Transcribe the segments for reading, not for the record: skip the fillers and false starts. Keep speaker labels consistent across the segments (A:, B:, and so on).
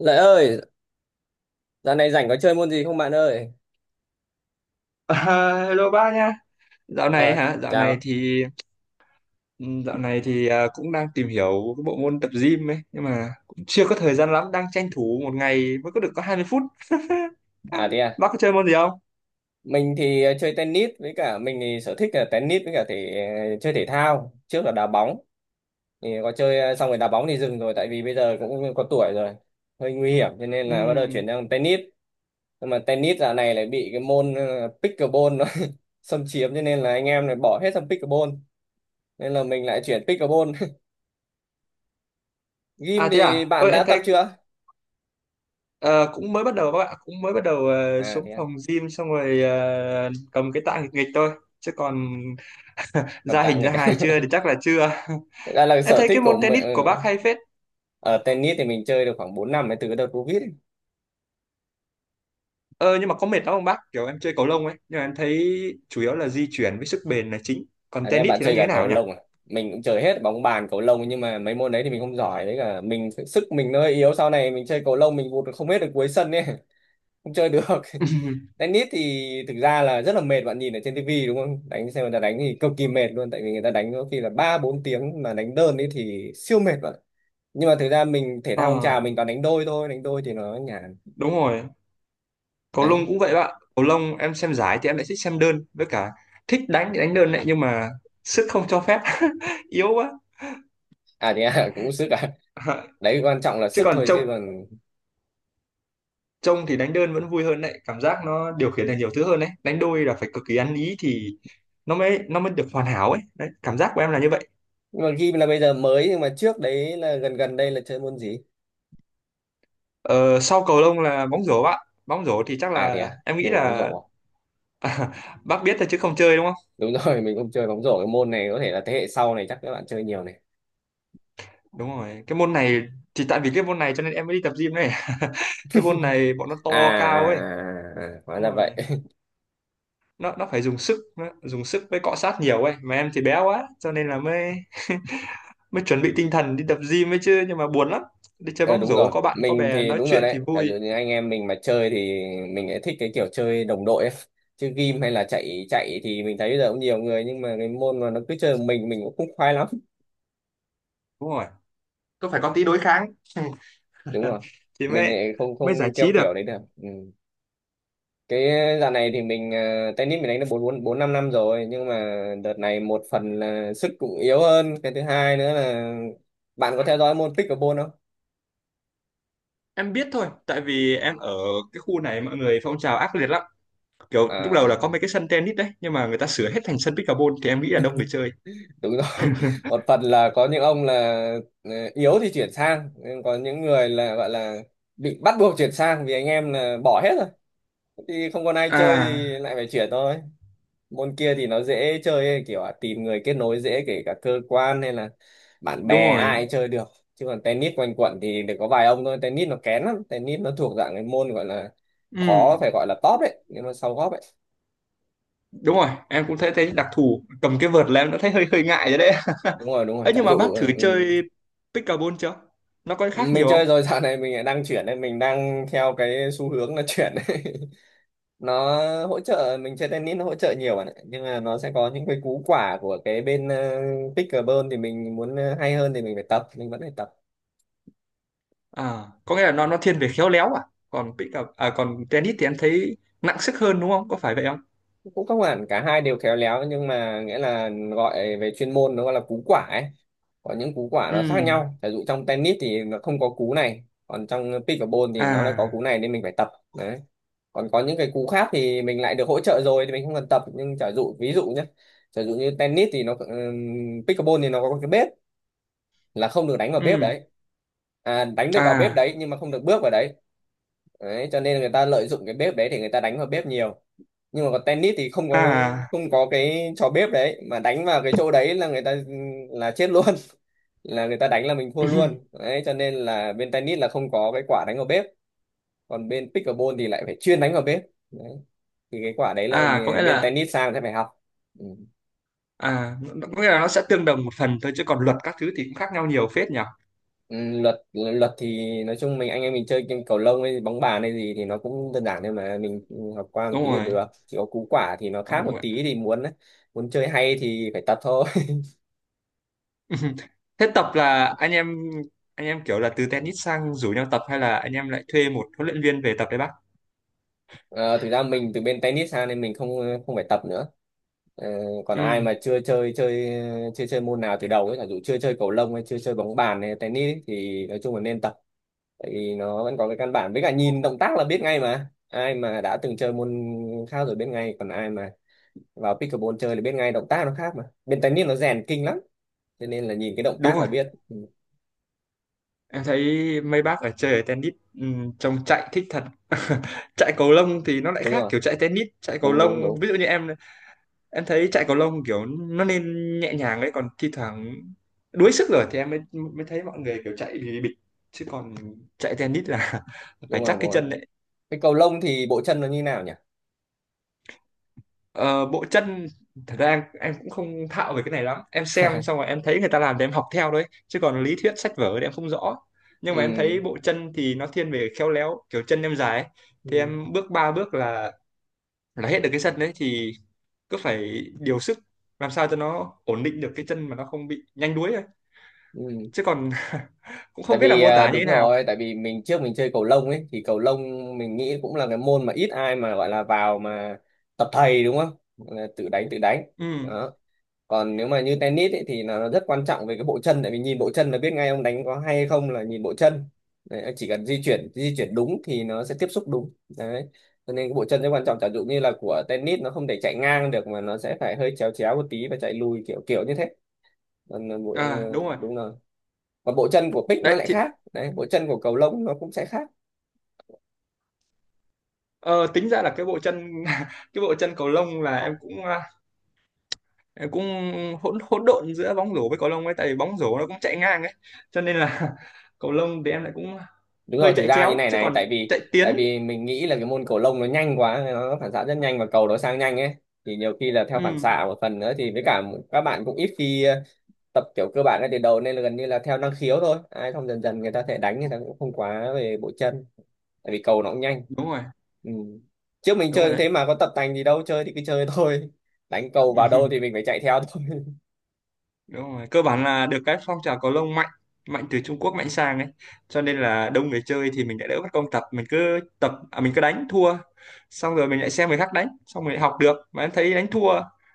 A: Lợi ơi, dạo này rảnh có chơi môn gì không bạn ơi?
B: À, hello ba nha. Dạo này
A: Ờ,
B: hả? Dạo này
A: chào.
B: thì cũng đang tìm hiểu cái bộ môn tập gym ấy, nhưng mà cũng chưa có thời gian lắm, đang tranh thủ một ngày mới có được có 20 phút.
A: À thế à.
B: Bác có chơi môn gì không?
A: Mình thì chơi tennis với cả mình thì sở thích là tennis với cả thì chơi thể thao, trước là đá bóng. Thì có chơi xong rồi đá bóng thì dừng rồi tại vì bây giờ cũng có tuổi rồi, hơi nguy hiểm cho nên là bắt đầu
B: Ừm.
A: chuyển sang tennis. Nhưng mà tennis dạo này lại bị cái môn pickleball nó xâm chiếm cho nên là anh em này bỏ hết sang pickleball. Nên là mình lại chuyển pickleball.
B: À
A: Gym
B: thế
A: thì
B: à?
A: bạn
B: Ơi
A: đã
B: em
A: tập
B: thấy
A: chưa?
B: ờ, cũng mới bắt đầu các bạn, cũng mới bắt đầu ờ,
A: À thế
B: xuống
A: à,
B: phòng gym xong rồi cầm cái tạ nghịch nghịch thôi, chứ còn
A: cầm
B: ra
A: tạ
B: hình ra
A: nghịch à?
B: hài chưa thì chắc là chưa.
A: Đây là
B: Em
A: sở
B: thấy
A: thích
B: cái
A: của
B: môn
A: mình
B: tennis của
A: ừ.
B: bác hay phết.
A: Ờ, tennis thì mình chơi được khoảng 4 năm ấy, từ cái đợt Covid ấy.
B: Ờ, nhưng mà có mệt lắm không bác? Kiểu em chơi cầu lông ấy, nhưng mà em thấy chủ yếu là di chuyển với sức bền là chính. Còn
A: À, thế
B: tennis
A: bạn
B: thì nó
A: chơi
B: như thế
A: cả
B: nào
A: cầu
B: nhỉ?
A: lông à? Mình cũng chơi hết bóng bàn cầu lông, nhưng mà mấy môn đấy thì mình không giỏi đấy, cả mình sức mình nó hơi yếu, sau này mình chơi cầu lông mình vụt không hết được cuối sân ấy, không chơi được. Tennis thì thực ra là rất là mệt bạn, nhìn ở trên tivi đúng không, đánh xem người ta đánh thì cực kỳ mệt luôn, tại vì người ta đánh có khi là ba bốn tiếng mà đánh đơn ấy thì siêu mệt bạn. Nhưng mà thực ra mình thể
B: Ờ,
A: thao phong trào mình toàn đánh đôi thôi, đánh đôi thì nó nhàn
B: đúng rồi, cầu lông
A: đấy.
B: cũng vậy bạn. Cầu lông em xem giải thì em lại thích xem đơn, với cả thích đánh thì đánh đơn đấy, nhưng mà sức không cho phép, yếu quá.
A: Cũng sức à,
B: Ờ.
A: đấy quan trọng là
B: Chứ
A: sức
B: còn
A: thôi
B: trông
A: chứ còn.
B: trông thì đánh đơn vẫn vui hơn đấy, cảm giác nó điều khiển được nhiều thứ hơn đấy. Đánh đôi là phải cực kỳ ăn ý thì nó mới được hoàn hảo ấy. Đấy, cảm giác của em là như vậy.
A: Nhưng mà ghi là bây giờ mới, nhưng mà trước đấy là gần gần đây là chơi môn gì?
B: Ờ, sau cầu lông là bóng rổ bạn. Bóng rổ thì chắc
A: À thế
B: là
A: à,
B: em nghĩ
A: chơi bóng
B: là
A: rổ.
B: à, bác biết thôi chứ không chơi đúng không?
A: Đúng rồi, mình cũng chơi bóng rổ, cái môn này có thể là thế hệ sau này chắc các bạn chơi nhiều này.
B: Đúng rồi. Cái môn này thì tại vì cái môn này cho nên em mới đi tập gym này. Cái môn này bọn nó to
A: À, à,
B: cao
A: à,
B: ấy.
A: à, à, à, hóa ra
B: Đúng
A: vậy.
B: rồi. Nó phải dùng sức, nó dùng sức với cọ sát nhiều ấy. Mà em thì bé quá, cho nên là mới mới chuẩn bị tinh thần đi tập gym ấy chứ. Nhưng mà buồn lắm. Đi chơi
A: Ờ
B: bóng
A: đúng
B: rổ
A: rồi,
B: có bạn có
A: mình
B: bè
A: thì
B: nói
A: đúng rồi
B: chuyện thì
A: đấy, giả
B: vui.
A: dụ như anh em mình mà chơi thì mình lại thích cái kiểu chơi đồng đội ấy. Chứ game hay là chạy chạy thì mình thấy bây giờ cũng nhiều người, nhưng mà cái môn mà nó cứ chơi một mình cũng không khoái lắm.
B: Đúng rồi. Có phải có tí đối kháng.
A: Đúng rồi,
B: Thì
A: mình
B: mới
A: lại không không
B: mới giải
A: theo
B: trí được.
A: kiểu đấy được ừ. Cái dạo này thì mình tennis mình đánh được bốn bốn bốn năm năm rồi, nhưng mà đợt này một phần là sức cũng yếu hơn, cái thứ hai nữa là bạn có theo dõi môn pickleball không?
B: Em biết thôi, tại vì em ở cái khu này mọi người phong trào ác liệt lắm. Kiểu lúc đầu là
A: À
B: có mấy cái sân tennis đấy, nhưng mà người ta sửa hết thành sân pickleball, thì em nghĩ là đông người chơi.
A: đúng rồi, một phần là có những ông là yếu thì chuyển sang, nhưng có những người là gọi là bị bắt buộc chuyển sang vì anh em là bỏ hết rồi thì không còn ai chơi
B: À,
A: thì lại phải chuyển thôi. Môn kia thì nó dễ chơi ấy, kiểu là tìm người kết nối dễ, kể cả cơ quan hay là bạn
B: đúng
A: bè ai cũng
B: rồi.
A: chơi được. Chứ còn tennis quanh quẩn thì được có vài ông thôi, tennis nó kén lắm, tennis nó thuộc dạng cái môn gọi là
B: Ừ,
A: khó, phải gọi là top đấy nhưng mà sau góp ấy.
B: đúng rồi, em cũng thấy thấy đặc thù cầm cái vợt là em đã thấy hơi hơi ngại rồi đấy.
A: Đúng rồi đúng rồi
B: Ấy
A: chả
B: nhưng mà
A: dụ
B: bác thử
A: ừ. Ừ.
B: chơi pickleball chưa? Nó có khác nhiều
A: Mình chơi
B: không?
A: rồi, dạo này mình lại đang chuyển nên mình đang theo cái xu hướng là chuyển ấy. Nó hỗ trợ mình chơi tennis, nó hỗ trợ nhiều bạn ạ, nhưng mà nó sẽ có những cái cú quả của cái bên pickleball thì mình muốn hay hơn thì mình phải tập, mình vẫn phải tập.
B: À, có nghĩa là nó thiên về khéo léo à? Còn pickle à Còn tennis thì em thấy nặng sức hơn đúng không? Có phải vậy không?
A: Cũng không hẳn cả hai đều khéo léo, nhưng mà nghĩa là gọi về chuyên môn nó gọi là cú quả ấy, có những cú quả nó khác
B: Ừ.
A: nhau, ví dụ trong tennis thì nó không có cú này, còn trong pickleball thì nó lại có
B: À.
A: cú này nên mình phải tập. Đấy, còn có những cái cú khác thì mình lại được hỗ trợ rồi thì mình không cần tập, nhưng giả dụ ví dụ nhé, giả dụ như tennis thì nó pickleball thì nó có cái bếp, là không được đánh vào bếp
B: Ừ.
A: đấy, à, đánh được vào bếp
B: À.
A: đấy nhưng mà không được bước vào đấy. Đấy, cho nên người ta lợi dụng cái bếp đấy thì người ta đánh vào bếp nhiều, nhưng mà còn tennis thì
B: À.
A: không có cái trò bếp đấy mà đánh vào cái chỗ đấy là người ta là chết luôn. Là người ta đánh là mình thua luôn đấy, cho nên là bên tennis là không có cái quả đánh vào bếp, còn bên pickleball thì lại phải chuyên đánh vào bếp. Đấy, thì cái quả đấy là
B: à có nghĩa
A: mình, bên
B: là
A: tennis sang sẽ phải học ừ.
B: Có nghĩa là nó sẽ tương đồng một phần thôi, chứ còn luật các thứ thì cũng khác nhau nhiều phết nhỉ?
A: Ừ, luật luật thì nói chung mình, anh em mình chơi game cầu lông hay bóng bàn hay gì thì nó cũng đơn giản thôi mà, mình học qua một
B: Đúng
A: tí là
B: rồi,
A: được, chỉ có cú quả thì nó
B: à,
A: khác một
B: đúng rồi.
A: tí thì muốn muốn chơi hay thì phải tập thôi.
B: Thế tập là anh em kiểu là từ tennis sang rủ nhau tập, hay là anh em lại thuê một huấn luyện viên về tập đấy bác?
A: Ờ, thực ra mình từ bên tennis sang nên mình không không phải tập nữa. Ờ, còn
B: Ừ,
A: ai mà chưa chơi chơi môn nào từ đầu ấy, giả dụ chưa chơi cầu lông hay chưa chơi bóng bàn hay tennis ấy, thì nói chung là nên tập, tại vì nó vẫn có cái căn bản, với cả nhìn động tác là biết ngay mà, ai mà đã từng chơi môn khác rồi biết ngay, còn ai mà vào pickleball chơi là biết ngay, động tác nó khác mà, bên tennis nó rèn kinh lắm cho nên là nhìn cái động
B: đúng
A: tác
B: rồi.
A: là biết ừ.
B: Em thấy mấy bác ở chơi ở tennis, ừ, trông chạy thích thật. Chạy cầu lông thì nó lại
A: Đúng
B: khác
A: rồi,
B: kiểu chạy tennis, chạy cầu
A: đúng đúng
B: lông
A: đúng,
B: ví dụ như em thấy chạy cầu lông kiểu nó nên nhẹ nhàng đấy, còn thi thoảng đuối sức rồi thì em mới mới thấy mọi người kiểu chạy thì bịch, chứ còn chạy tennis là
A: đúng
B: phải
A: rồi
B: chắc
A: đúng
B: cái
A: rồi.
B: chân đấy.
A: Cái cầu lông thì bộ chân nó như nào nhỉ?
B: Ờ, bộ chân thật ra em cũng không thạo về cái này lắm, em xem xong rồi em thấy người ta làm thì em học theo đấy, chứ còn lý thuyết sách vở thì em không rõ. Nhưng mà em
A: Ừ.
B: thấy bộ chân thì nó thiên về khéo léo, kiểu chân em dài ấy. Thì
A: Ừ.
B: em bước ba bước là hết được cái sân đấy, thì cứ phải điều sức làm sao cho nó ổn định được cái chân mà nó không bị nhanh đuối,
A: Ừ.
B: chứ còn cũng
A: Tại
B: không biết là
A: vì
B: mô tả như thế
A: đúng
B: nào.
A: rồi, tại vì mình trước mình chơi cầu lông ấy, thì cầu lông mình nghĩ cũng là cái môn mà ít ai mà gọi là vào mà tập thầy đúng không, là tự đánh
B: Ừm,
A: đó. Còn nếu mà như tennis ấy, thì là nó rất quan trọng về cái bộ chân, tại vì nhìn bộ chân là biết ngay ông đánh có hay hay không là nhìn bộ chân. Đấy, chỉ cần di chuyển đúng thì nó sẽ tiếp xúc đúng đấy, cho nên cái bộ chân rất quan trọng, chẳng dụ như là của tennis nó không thể chạy ngang được mà nó sẽ phải hơi chéo chéo một tí và chạy lùi kiểu kiểu như thế. Còn là
B: À, đúng rồi
A: đúng rồi, và bộ chân của pick nó
B: đấy,
A: lại
B: thì
A: khác đấy, bộ chân của cầu lông nó cũng sẽ khác.
B: ờ, tính ra là cái bộ chân cái bộ chân cầu lông là em cũng em cũng hỗn hỗn độn giữa bóng rổ với cầu lông ấy, tại vì bóng rổ nó cũng chạy ngang ấy, cho nên là cầu lông thì em lại cũng
A: Đúng rồi,
B: hơi
A: thực
B: chạy
A: ra như
B: chéo,
A: này
B: chứ
A: này,
B: còn chạy
A: tại
B: tiến.
A: vì mình nghĩ là cái môn cầu lông nó nhanh quá, nó phản xạ rất nhanh và cầu nó sang nhanh ấy, thì nhiều khi là theo phản
B: Ừm.
A: xạ một phần nữa, thì với cả các bạn cũng ít khi tập kiểu cơ bản ngay từ đầu, nên là gần như là theo năng khiếu thôi, ai không dần dần người ta thể đánh người ta cũng không quá về bộ chân, tại vì cầu nó cũng nhanh
B: Đúng rồi,
A: ừ. Trước mình
B: đúng
A: chơi cũng
B: rồi.
A: thế mà, có tập tành gì đâu, chơi thì cứ chơi thôi, đánh cầu
B: Đấy.
A: vào đâu thì mình phải chạy theo thôi.
B: Đúng rồi, cơ bản là được cái phong trào cầu lông mạnh, mạnh từ Trung Quốc mạnh sang ấy, cho nên là đông người chơi thì mình lại đỡ mất công tập. Mình cứ tập mình cứ đánh thua, xong rồi mình lại xem người khác đánh, xong mình lại học được, mà em thấy đánh thua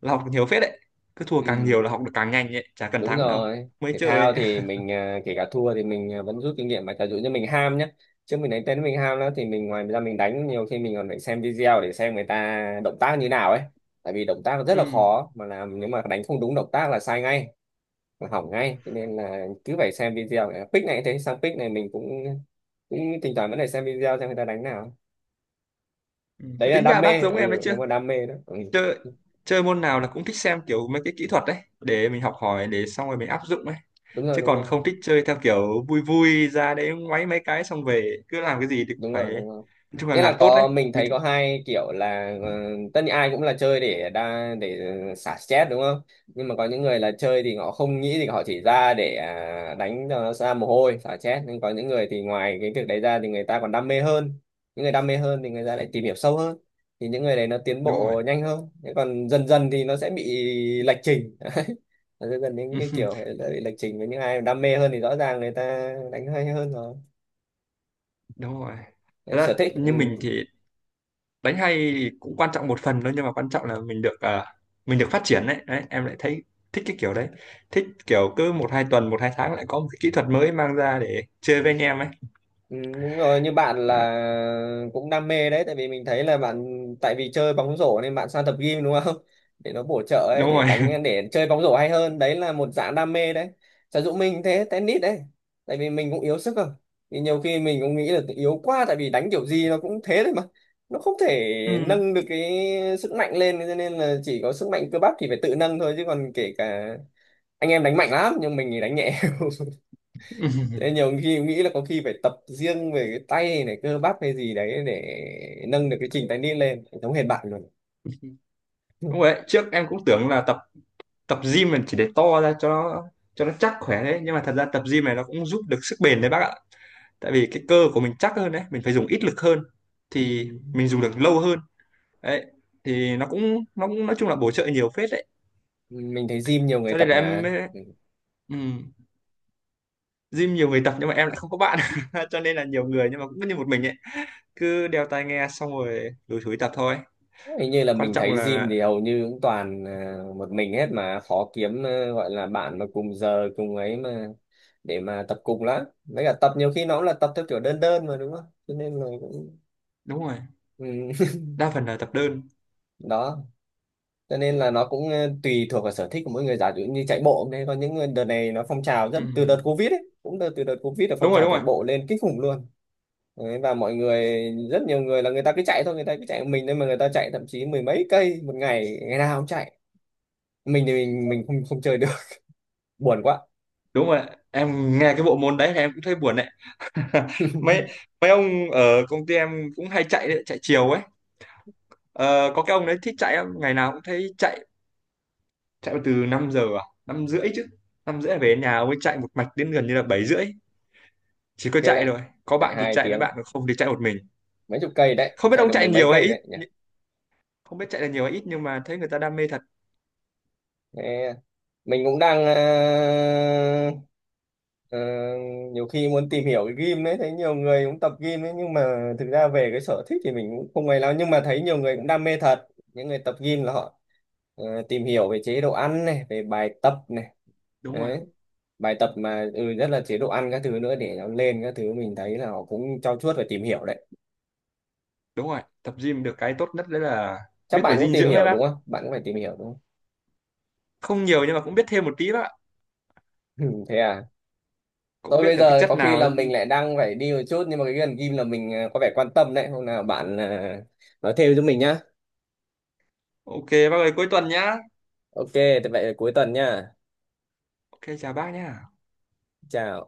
B: là học được nhiều phết đấy, cứ thua càng
A: Ừ.
B: nhiều là học được càng nhanh ấy, chả cần
A: Đúng
B: thắng đâu.
A: rồi,
B: Mới
A: thể
B: chơi
A: thao
B: ấy.
A: thì mình kể cả thua thì mình vẫn rút kinh nghiệm mà, giả dụ như mình ham nhé, trước mình đánh tennis mình ham lắm thì mình ngoài ra mình đánh nhiều khi mình còn phải xem video để xem người ta động tác như nào ấy, tại vì động tác rất là
B: Ừ.
A: khó mà làm, nếu mà đánh không đúng động tác là sai ngay, là hỏng ngay, cho nên là cứ phải xem video. À, pick này cũng thế, sang pick này mình cũng cũng thỉnh thoảng vẫn phải xem video xem người ta đánh nào.
B: Ừ.
A: Đấy
B: Thế
A: là
B: tính
A: đam
B: ra bác
A: mê
B: giống em đấy,
A: ừ,
B: chưa
A: nếu mà đam mê đó ừ.
B: chơi chơi môn nào là cũng thích xem kiểu mấy cái kỹ thuật đấy để mình học hỏi, để xong rồi mình áp dụng ấy,
A: Đúng rồi
B: chứ
A: đúng
B: còn
A: rồi,
B: không thích chơi theo kiểu vui vui ra đấy ngoáy mấy cái, xong về cứ làm cái gì thì cũng
A: đúng
B: phải
A: rồi đúng rồi,
B: nói chung là
A: nghĩa
B: làm
A: là
B: tốt đấy
A: có mình
B: mới
A: thấy
B: thích.
A: có hai kiểu là tất nhiên ai cũng là chơi để đa để xả stress đúng không, nhưng mà có những người là chơi thì họ không nghĩ, thì họ chỉ ra để đánh cho nó ra mồ hôi xả stress, nhưng có những người thì ngoài cái việc đấy ra thì người ta còn đam mê hơn. Những người đam mê hơn thì người ta lại tìm hiểu sâu hơn, thì những người đấy nó tiến
B: Đúng rồi.
A: bộ nhanh hơn, thế còn dần dần thì nó sẽ bị lệch trình. Đấy, dần dần những cái kiểu sẽ bị lệch trình với những ai đam mê hơn thì rõ ràng người ta đánh hay hơn rồi.
B: Đúng rồi. Thật
A: Đấy,
B: ra
A: sở thích ừ.
B: như mình thì đánh hay thì cũng quan trọng một phần thôi, nhưng mà quan trọng là mình được mình được phát triển đấy. Đấy em lại thấy thích cái kiểu đấy, thích kiểu cứ một hai tuần một hai tháng lại có một cái kỹ thuật mới mang ra để chơi với anh em ấy.
A: Ừ, đúng rồi, như bạn
B: À,
A: là cũng đam mê đấy, tại vì mình thấy là bạn, tại vì chơi bóng rổ nên bạn sang tập gym đúng không, để nó bổ trợ ấy,
B: đúng
A: để
B: rồi.
A: đánh để chơi bóng rổ hay hơn, đấy là một dạng đam mê đấy. Trà Dũng mình thế tennis đấy, tại vì mình cũng yếu sức không, thì nhiều khi mình cũng nghĩ là yếu quá, tại vì đánh kiểu gì nó cũng thế thôi mà, nó không thể
B: Ừ.
A: nâng được cái sức mạnh lên, cho nên là chỉ có sức mạnh cơ bắp thì phải tự nâng thôi, chứ còn kể cả anh em đánh mạnh lắm nhưng mình thì đánh nhẹ. Thế nhiều khi nghĩ là có khi phải tập riêng về cái tay này cơ bắp hay gì đấy để nâng được cái trình tay nít lên giống hệt bạn luôn.
B: Đúng rồi đấy. Trước em cũng tưởng là tập tập gym mình chỉ để to ra, cho nó, cho nó chắc khỏe đấy, nhưng mà thật ra tập gym này nó cũng giúp được sức bền đấy bác ạ, tại vì cái cơ của mình chắc hơn đấy, mình phải dùng ít lực hơn thì
A: Ừ.
B: mình dùng được lâu hơn đấy, thì nó cũng nói chung là bổ trợ nhiều phết đấy,
A: Mình thấy gym nhiều người
B: cho
A: tập
B: nên là em
A: mà
B: mới-
A: ừ.
B: ừm, gym nhiều người tập nhưng mà em lại không có bạn, cho nên là nhiều người nhưng mà cũng như một mình ấy, cứ đeo tai nghe xong rồi lủi thủi tập thôi.
A: Hình như là
B: Quan
A: mình
B: trọng
A: thấy gym
B: là
A: thì hầu như cũng toàn một mình hết, mà khó kiếm gọi là bạn mà cùng giờ cùng ấy mà, để mà tập cùng lắm, với cả tập nhiều khi nó cũng là tập theo kiểu đơn đơn mà đúng không, cho nên là cũng
B: đúng rồi,
A: ừ.
B: đa phần là tập đơn.
A: Đó, cho nên là nó cũng tùy thuộc vào sở thích của mỗi người, giả dụ như chạy bộ đấy, có những đợt này nó phong trào rất từ đợt
B: Ừm.
A: Covid ấy, cũng đợt từ đợt Covid là phong
B: Đúng rồi,
A: trào
B: đúng
A: chạy
B: rồi.
A: bộ lên kinh khủng luôn. Đấy, và mọi người rất nhiều người là người ta cứ chạy thôi, người ta cứ chạy một mình, nên mà người ta chạy thậm chí mười mấy cây một ngày, ngày nào cũng chạy, mình thì mình không không chơi được. Buồn quá.
B: Đúng rồi, em nghe cái bộ môn đấy thì em cũng thấy buồn đấy. mấy mấy ông ở công ty em cũng hay chạy đấy, chạy chiều ấy. Ờ, có cái ông đấy thích chạy lắm, ngày nào cũng thấy chạy, chạy từ 5 giờ à 5 rưỡi chứ, 5 rưỡi là về đến nhà mới chạy một mạch đến gần như là 7 rưỡi, chỉ có
A: Theo
B: chạy,
A: đấy,
B: rồi có
A: chạy
B: bạn thì
A: hai
B: chạy với
A: tiếng
B: bạn, còn không thì chạy một mình.
A: mấy chục cây đấy,
B: Không biết
A: chạy
B: ông
A: được mười
B: chạy
A: mấy
B: nhiều hay
A: cây
B: ít,
A: đấy.
B: không biết chạy là nhiều hay ít, nhưng mà thấy người ta đam mê thật.
A: Thế mình cũng đang ờ, nhiều khi muốn tìm hiểu cái gym đấy, thấy nhiều người cũng tập gym đấy, nhưng mà thực ra về cái sở thích thì mình cũng không ấy lắm, nhưng mà thấy nhiều người cũng đam mê thật. Những người tập gym là họ tìm hiểu về chế độ ăn này, về bài tập này.
B: Đúng rồi,
A: Đấy, bài tập mà rất là chế độ ăn các thứ nữa để nó lên các thứ, mình thấy là họ cũng trau chuốt và tìm hiểu đấy.
B: đúng rồi, tập gym được cái tốt nhất đấy là
A: Chắc
B: biết về
A: bạn cũng
B: dinh
A: tìm
B: dưỡng đấy
A: hiểu
B: bác,
A: đúng không, bạn cũng phải tìm hiểu đúng
B: không nhiều nhưng mà cũng biết thêm một tí bác ạ,
A: không? Thế à.
B: cũng
A: Thôi
B: biết
A: bây
B: được cái
A: giờ
B: chất
A: có khi là
B: nào.
A: mình lại đang phải đi một chút, nhưng mà cái gần game là mình có vẻ quan tâm đấy. Hôm nào bạn nói thêm cho mình nhá.
B: Ok bác ơi, cuối tuần nhá.
A: Ok, thế vậy cuối tuần nhá.
B: Ok, chào bác nhá.
A: Chào.